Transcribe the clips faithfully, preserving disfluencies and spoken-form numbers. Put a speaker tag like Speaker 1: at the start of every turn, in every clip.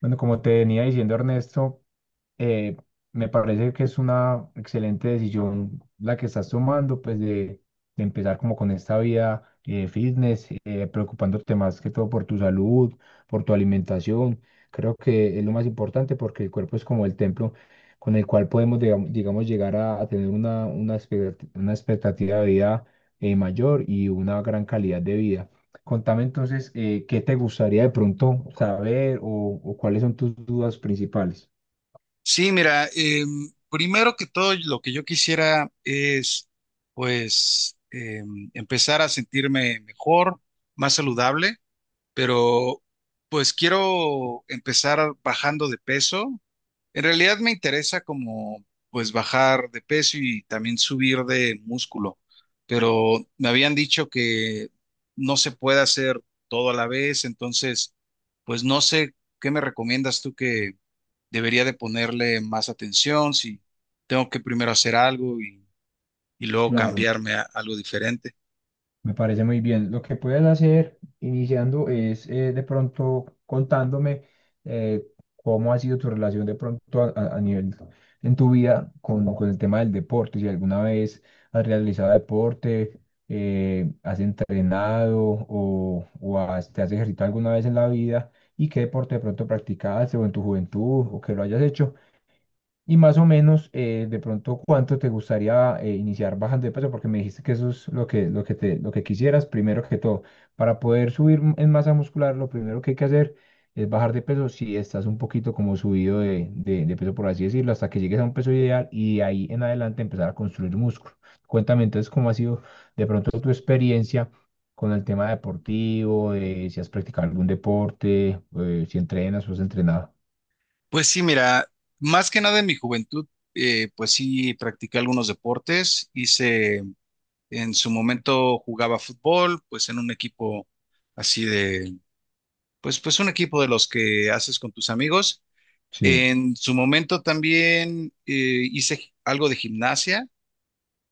Speaker 1: Bueno, como te venía diciendo Ernesto, eh, me parece que es una excelente decisión la que estás tomando, pues de, de empezar como con esta vida eh, fitness, eh, preocupándote más que todo por tu salud, por tu alimentación. Creo que es lo más importante porque el cuerpo es como el templo con el cual podemos, digam- digamos, llegar a, a tener una, una, expectat- una expectativa de vida eh, mayor y una gran calidad de vida. Contame entonces, eh, ¿qué te gustaría de pronto saber o o cuáles son tus dudas principales?
Speaker 2: Sí, mira, em, primero que todo lo que yo quisiera es pues em, empezar a sentirme mejor, más saludable, pero pues quiero empezar bajando de peso. En realidad me interesa como pues bajar de peso y también subir de músculo, pero me habían dicho que no se puede hacer todo a la vez, entonces pues no sé qué me recomiendas tú debería de ponerle más atención, si tengo que primero hacer algo y, y luego
Speaker 1: Claro.
Speaker 2: cambiarme a algo diferente.
Speaker 1: Me parece muy bien. Lo que puedes hacer iniciando es eh, de pronto contándome eh, cómo ha sido tu relación de pronto a, a- a nivel en tu vida con, con el tema del deporte. Si alguna vez has realizado deporte, eh, has entrenado o, o has- te has ejercitado alguna vez en la vida y qué deporte de pronto practicaste o en tu juventud o que lo hayas hecho y más o menos, eh, de pronto, ¿cuánto te gustaría eh, iniciar bajando de peso? Porque me dijiste que eso es lo que, lo que te, lo que quisieras, primero que todo. Para poder subir m- en masa muscular, lo primero que hay que hacer es bajar de peso si estás un poquito como subido de, de- de peso, por así decirlo, hasta que llegues a un peso ideal y de ahí en adelante empezar a construir músculo. Cuéntame entonces cómo ha sido de pronto tu experiencia con el tema deportivo, eh, si has practicado algún deporte, eh, si entrenas o has entrenado.
Speaker 2: Pues sí, mira, más que nada en mi juventud, eh, pues sí, practiqué algunos deportes, hice, en su momento jugaba fútbol, pues en un equipo así de, pues, pues un equipo de los que haces con tus amigos.
Speaker 1: Sí.
Speaker 2: En su momento también eh, hice algo de gimnasia.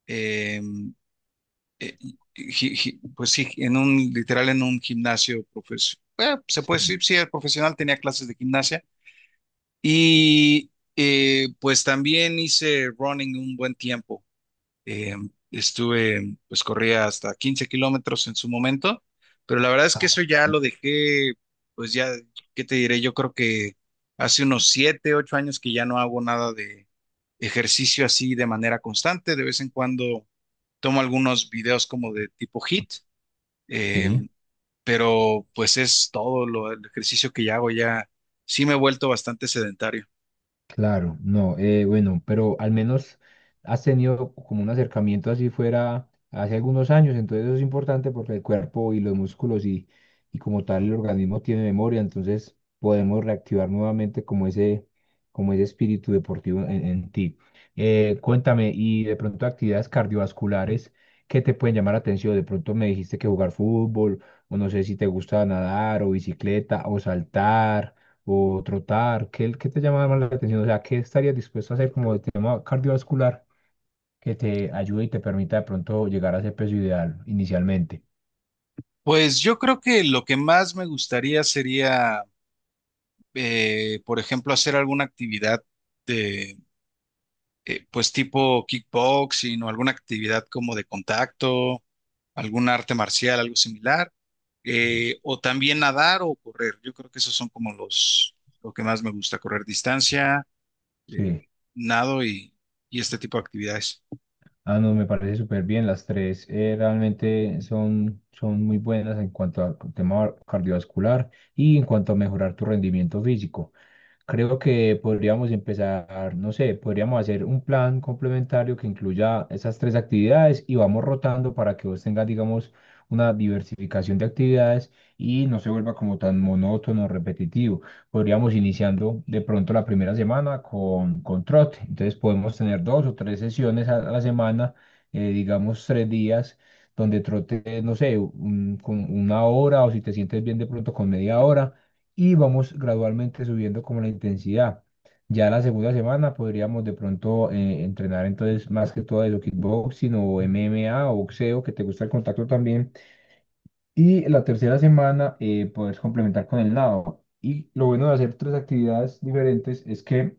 Speaker 2: em, eh, gi- gi- pues sí, en un, literal en un gimnasio profesional. Se
Speaker 1: Sí.
Speaker 2: puede decir, sí, el profesional tenía clases de gimnasia. Y eh, pues también hice running un buen tiempo. Eh, Estuve, pues corría hasta quince kilómetros en su momento, pero la verdad es que
Speaker 1: Ah.
Speaker 2: eso ya lo dejé, pues ya, ¿qué te diré? Yo creo que hace unos siete, ocho años que ya no hago nada de ejercicio así de manera constante. De vez en cuando tomo algunos videos como de tipo HIIT, eh,
Speaker 1: Sí,
Speaker 2: pero pues es todo lo, el ejercicio que ya hago, ya sí me he vuelto bastante sedentario.
Speaker 1: claro, no, eh, bueno, pero al menos has tenido como un acercamiento así fuera hace algunos años, entonces eso es importante porque el cuerpo y los músculos y, y como tal el organismo tiene memoria, entonces podemos reactivar nuevamente como ese, como ese espíritu deportivo en, en ti. Eh, cuéntame, y de pronto actividades cardiovasculares que te pueden llamar la atención, de pronto me dijiste que jugar fútbol, o no sé si te gusta nadar o bicicleta o saltar. O trotar? ¿Qué, qué te llama más la atención? O sea, ¿qué estarías dispuesto a hacer como de tema cardiovascular que te ayude y te permita de pronto llegar a ese peso ideal inicialmente?
Speaker 2: Pues yo creo que lo que más me gustaría sería, eh, por ejemplo, hacer alguna actividad de, eh, pues tipo kickboxing o alguna actividad como de contacto, algún arte marcial, algo similar, eh, o también nadar o correr. Yo creo que esos son como los, lo que más me gusta, correr distancia, eh,
Speaker 1: Sí.
Speaker 2: nado y y este tipo de actividades.
Speaker 1: Ah, no, me parece súper bien. Las tres eh, realmente son, son muy buenas en cuanto al tema cardiovascular y en cuanto a mejorar tu rendimiento físico. Creo que podríamos empezar, no sé, podríamos hacer un plan complementario que incluya esas tres actividades y vamos rotando para que vos tengas, digamos, una diversificación de actividades y no se vuelva como tan monótono, repetitivo. Podríamos iniciando de pronto la primera semana con, con trote. Entonces podemos tener dos o tres sesiones a la semana, eh, digamos tres días, donde trote, no sé, un- con una hora o si te sientes bien de pronto con media hora y vamos gradualmente subiendo como la intensidad. Ya la segunda semana podríamos de pronto eh, entrenar entonces más que todo de lo kickboxing o M M A o boxeo, que te gusta el contacto también. Y la tercera semana eh, puedes complementar con el nado. Y lo bueno de hacer tres actividades diferentes es que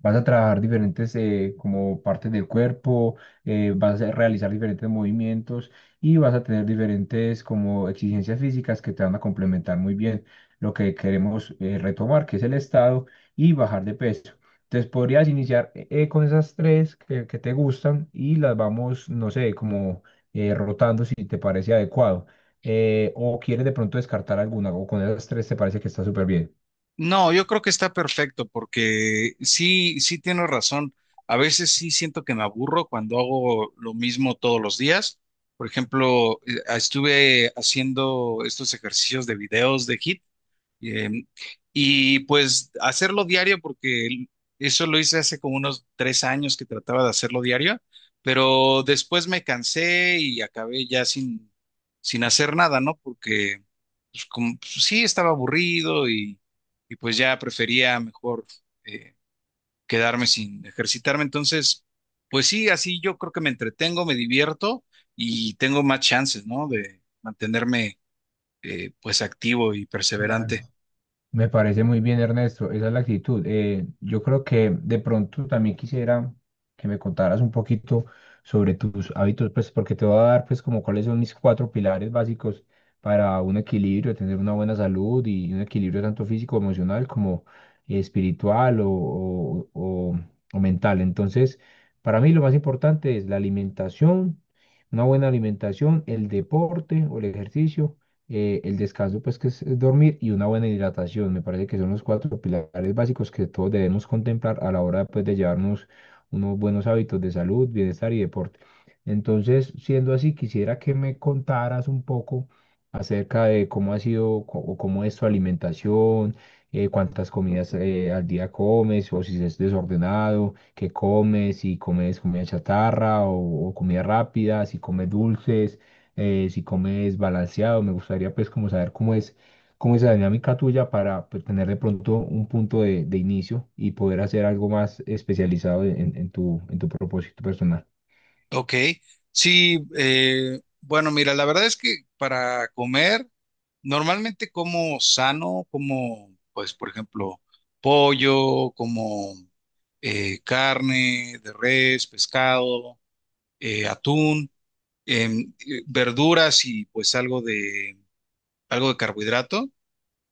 Speaker 1: vas a trabajar diferentes eh, como partes del cuerpo, eh, vas a realizar diferentes movimientos y vas a tener diferentes como exigencias físicas que te van a complementar muy bien lo que queremos eh, retomar, que es el estado y bajar de peso. Entonces podrías iniciar eh, eh, con esas tres que, que te gustan y las vamos, no sé, como eh, rotando si te parece adecuado. Eh, o quieres de pronto descartar alguna o con esas tres te parece que está súper bien.
Speaker 2: No, yo creo que está perfecto porque sí, sí tienes razón. A veces sí siento que me aburro cuando hago lo mismo todos los días. Por ejemplo, eh, estuve haciendo estos ejercicios de videos de HIIT, eh, y pues hacerlo diario, porque eso lo hice hace como unos tres años que trataba de hacerlo diario, pero después me cansé y acabé ya sin, sin hacer nada, ¿no? Porque pues, como, pues, sí estaba aburrido y, y pues ya prefería mejor, eh, quedarme sin ejercitarme. Entonces, pues sí, así yo creo que me entretengo, me divierto y tengo más chances, ¿no? De mantenerme, eh, pues activo y
Speaker 1: Claro.
Speaker 2: perseverante.
Speaker 1: Me parece muy bien, Ernesto. Esa es la actitud. Eh, yo creo que de pronto también quisiera que me contaras un poquito sobre tus hábitos, pues porque te voy a dar pues como cuáles son mis cuatro pilares básicos para un equilibrio, tener una buena salud y un equilibrio tanto físico, emocional como eh, espiritual o, o- o- o mental. Entonces, para mí lo más importante es la alimentación, una buena alimentación, el deporte o el ejercicio eh, el descanso, pues que es, es dormir y una buena hidratación. Me parece que son los cuatro pilares básicos que todos debemos contemplar a la hora pues, de llevarnos unos buenos hábitos de salud, bienestar y deporte. Entonces, siendo así, quisiera que me contaras un poco acerca de cómo ha sido co- o cómo es tu alimentación, eh, cuántas comidas eh, al día comes o si es desordenado, qué comes, si comes comida chatarra o o comida rápida, si comes dulces eh, si comes balanceado, me gustaría pues como saber cómo es, cómo es la dinámica tuya para pues, tener de pronto un punto de, de inicio y poder hacer algo más especializado en, en tu, en tu propósito personal.
Speaker 2: Ok, sí, eh, bueno, mira, la verdad es que para comer, normalmente como sano, como, pues, por ejemplo, pollo, como eh, carne de res, pescado, eh, atún, em, eh, verduras y pues algo de, algo de carbohidrato.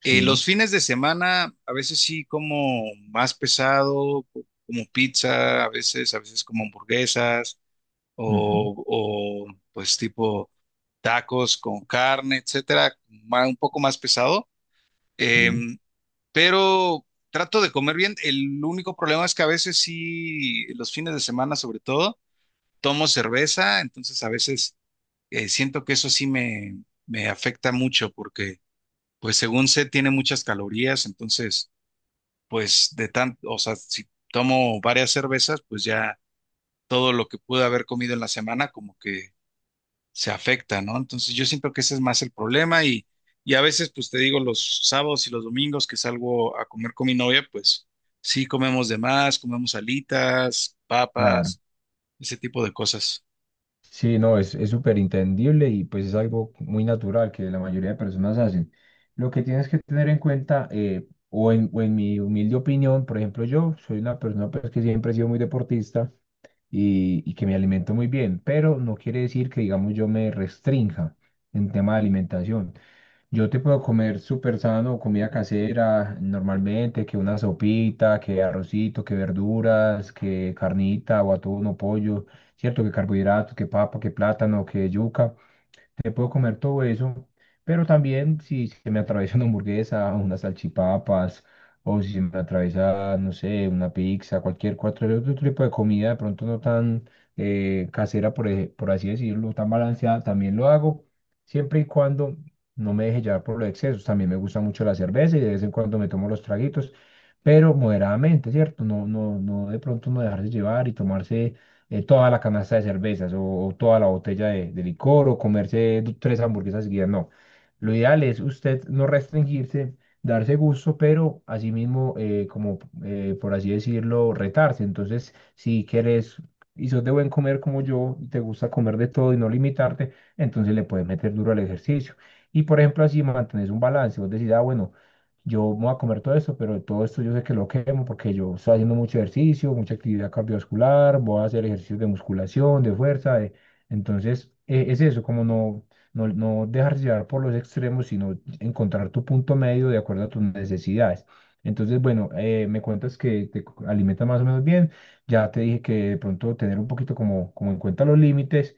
Speaker 2: Eh, los
Speaker 1: Sí,
Speaker 2: fines de semana, a veces sí como más pesado, como pizza, a veces, a veces como hamburguesas
Speaker 1: ujú,
Speaker 2: o, o, pues tipo tacos con carne, etcétera, ma- un poco más pesado.
Speaker 1: sí.
Speaker 2: Em, pero trato de comer bien. El único problema es que a veces sí, los fines de semana sobre todo, tomo cerveza, entonces a veces eh, siento que eso sí me, me afecta mucho porque, pues según sé, tiene muchas calorías, entonces, pues de tanto, o sea, si tomo varias cervezas, pues ya todo lo que pude haber comido en la semana como que se afecta, ¿no? Entonces yo siento que ese es más el problema y, y a veces, pues te digo, los sábados y los domingos que salgo a comer con mi novia, pues sí comemos de más, comemos alitas,
Speaker 1: Claro.
Speaker 2: papas, ese tipo de cosas.
Speaker 1: Sí, no, es, es súper entendible y pues es algo muy natural que la mayoría de personas hacen. Lo que tienes que tener en cuenta, eh, o en, o en mi humilde opinión, por ejemplo, yo soy una persona pues, que siempre he sido muy deportista y, y que me alimento muy bien, pero no quiere decir que, digamos, yo me restrinja en tema de alimentación. Yo te puedo comer súper sano, comida casera, normalmente, que una sopita, que arrocito, que verduras, que carnita o atún o pollo, ¿cierto? Que carbohidratos, que papa, que plátano, que yuca me puedo comer todo eso, pero también si se me atraviesa una hamburguesa, unas salchipapas, o si se me atraviesa, no sé, una pizza, cualquier cualquier otro tipo de comida, de pronto no tan eh, casera, por, ej- por así decirlo, tan balanceada, también lo hago, siempre y cuando no me deje llevar por los excesos. También me gusta mucho la cerveza y de vez en cuando me tomo los traguitos, pero moderadamente, ¿cierto? No, no, no de pronto no dejarse llevar y tomarse eh, toda la canasta de cervezas o, o toda la botella de, de licor o comerse du- tres hamburguesas seguidas, no. Lo ideal es usted no restringirse, darse gusto, pero asimismo, eh, como eh, por así decirlo, retarse. Entonces, si quieres y sos de buen comer como yo y te gusta comer de todo y no limitarte, entonces le puedes meter duro al ejercicio. Y por ejemplo, así mantienes un balance. Vos decís, ah, bueno yo me voy a comer todo esto, pero todo esto yo sé que lo quemo porque yo estoy haciendo mucho ejercicio, mucha actividad cardiovascular, voy a hacer ejercicios de musculación, de fuerza, de- entonces eh, es eso, como no, no, no dejarse llevar por los extremos, sino encontrar tu punto medio de acuerdo a tus necesidades. Entonces, bueno, eh, me cuentas que te co- alimentas más o menos bien, ya te dije que de pronto tener un poquito como, como en cuenta los límites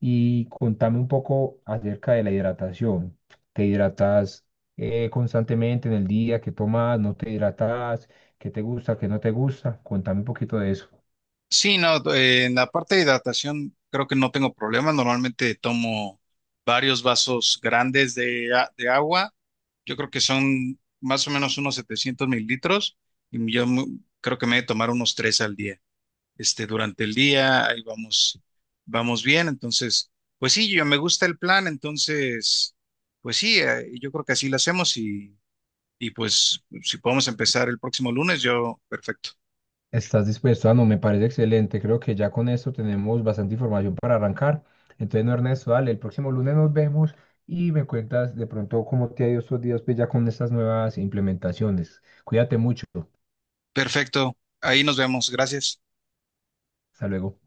Speaker 1: y contame un poco acerca de la hidratación. ¿Te hidratas? eh, constantemente en el día, qué tomas, no te hidratas, qué te gusta, qué no te gusta. Cuéntame un poquito de eso.
Speaker 2: Sí, no, eh, en la parte de hidratación creo que no tengo problema. Normalmente tomo varios vasos grandes de, a- de agua. Yo creo que son más o menos unos setecientos mililitros y yo mu- creo que me he de tomar unos tres al día. Este, durante el día, ahí vamos, vamos bien. Entonces, pues sí, yo me gusta el plan, entonces, pues sí, eh, yo creo que así lo hacemos y, y pues si podemos empezar el próximo lunes, yo, perfecto.
Speaker 1: ¿Estás dispuesto? Ah, no, me parece excelente. Creo que ya con esto tenemos bastante información para arrancar. Entonces, no, Ernesto, dale, el próximo lunes nos vemos y me cuentas de pronto cómo te ha ido estos días pues, ya con estas nuevas implementaciones. Cuídate mucho.
Speaker 2: Perfecto, ahí nos vemos, gracias.
Speaker 1: Hasta luego.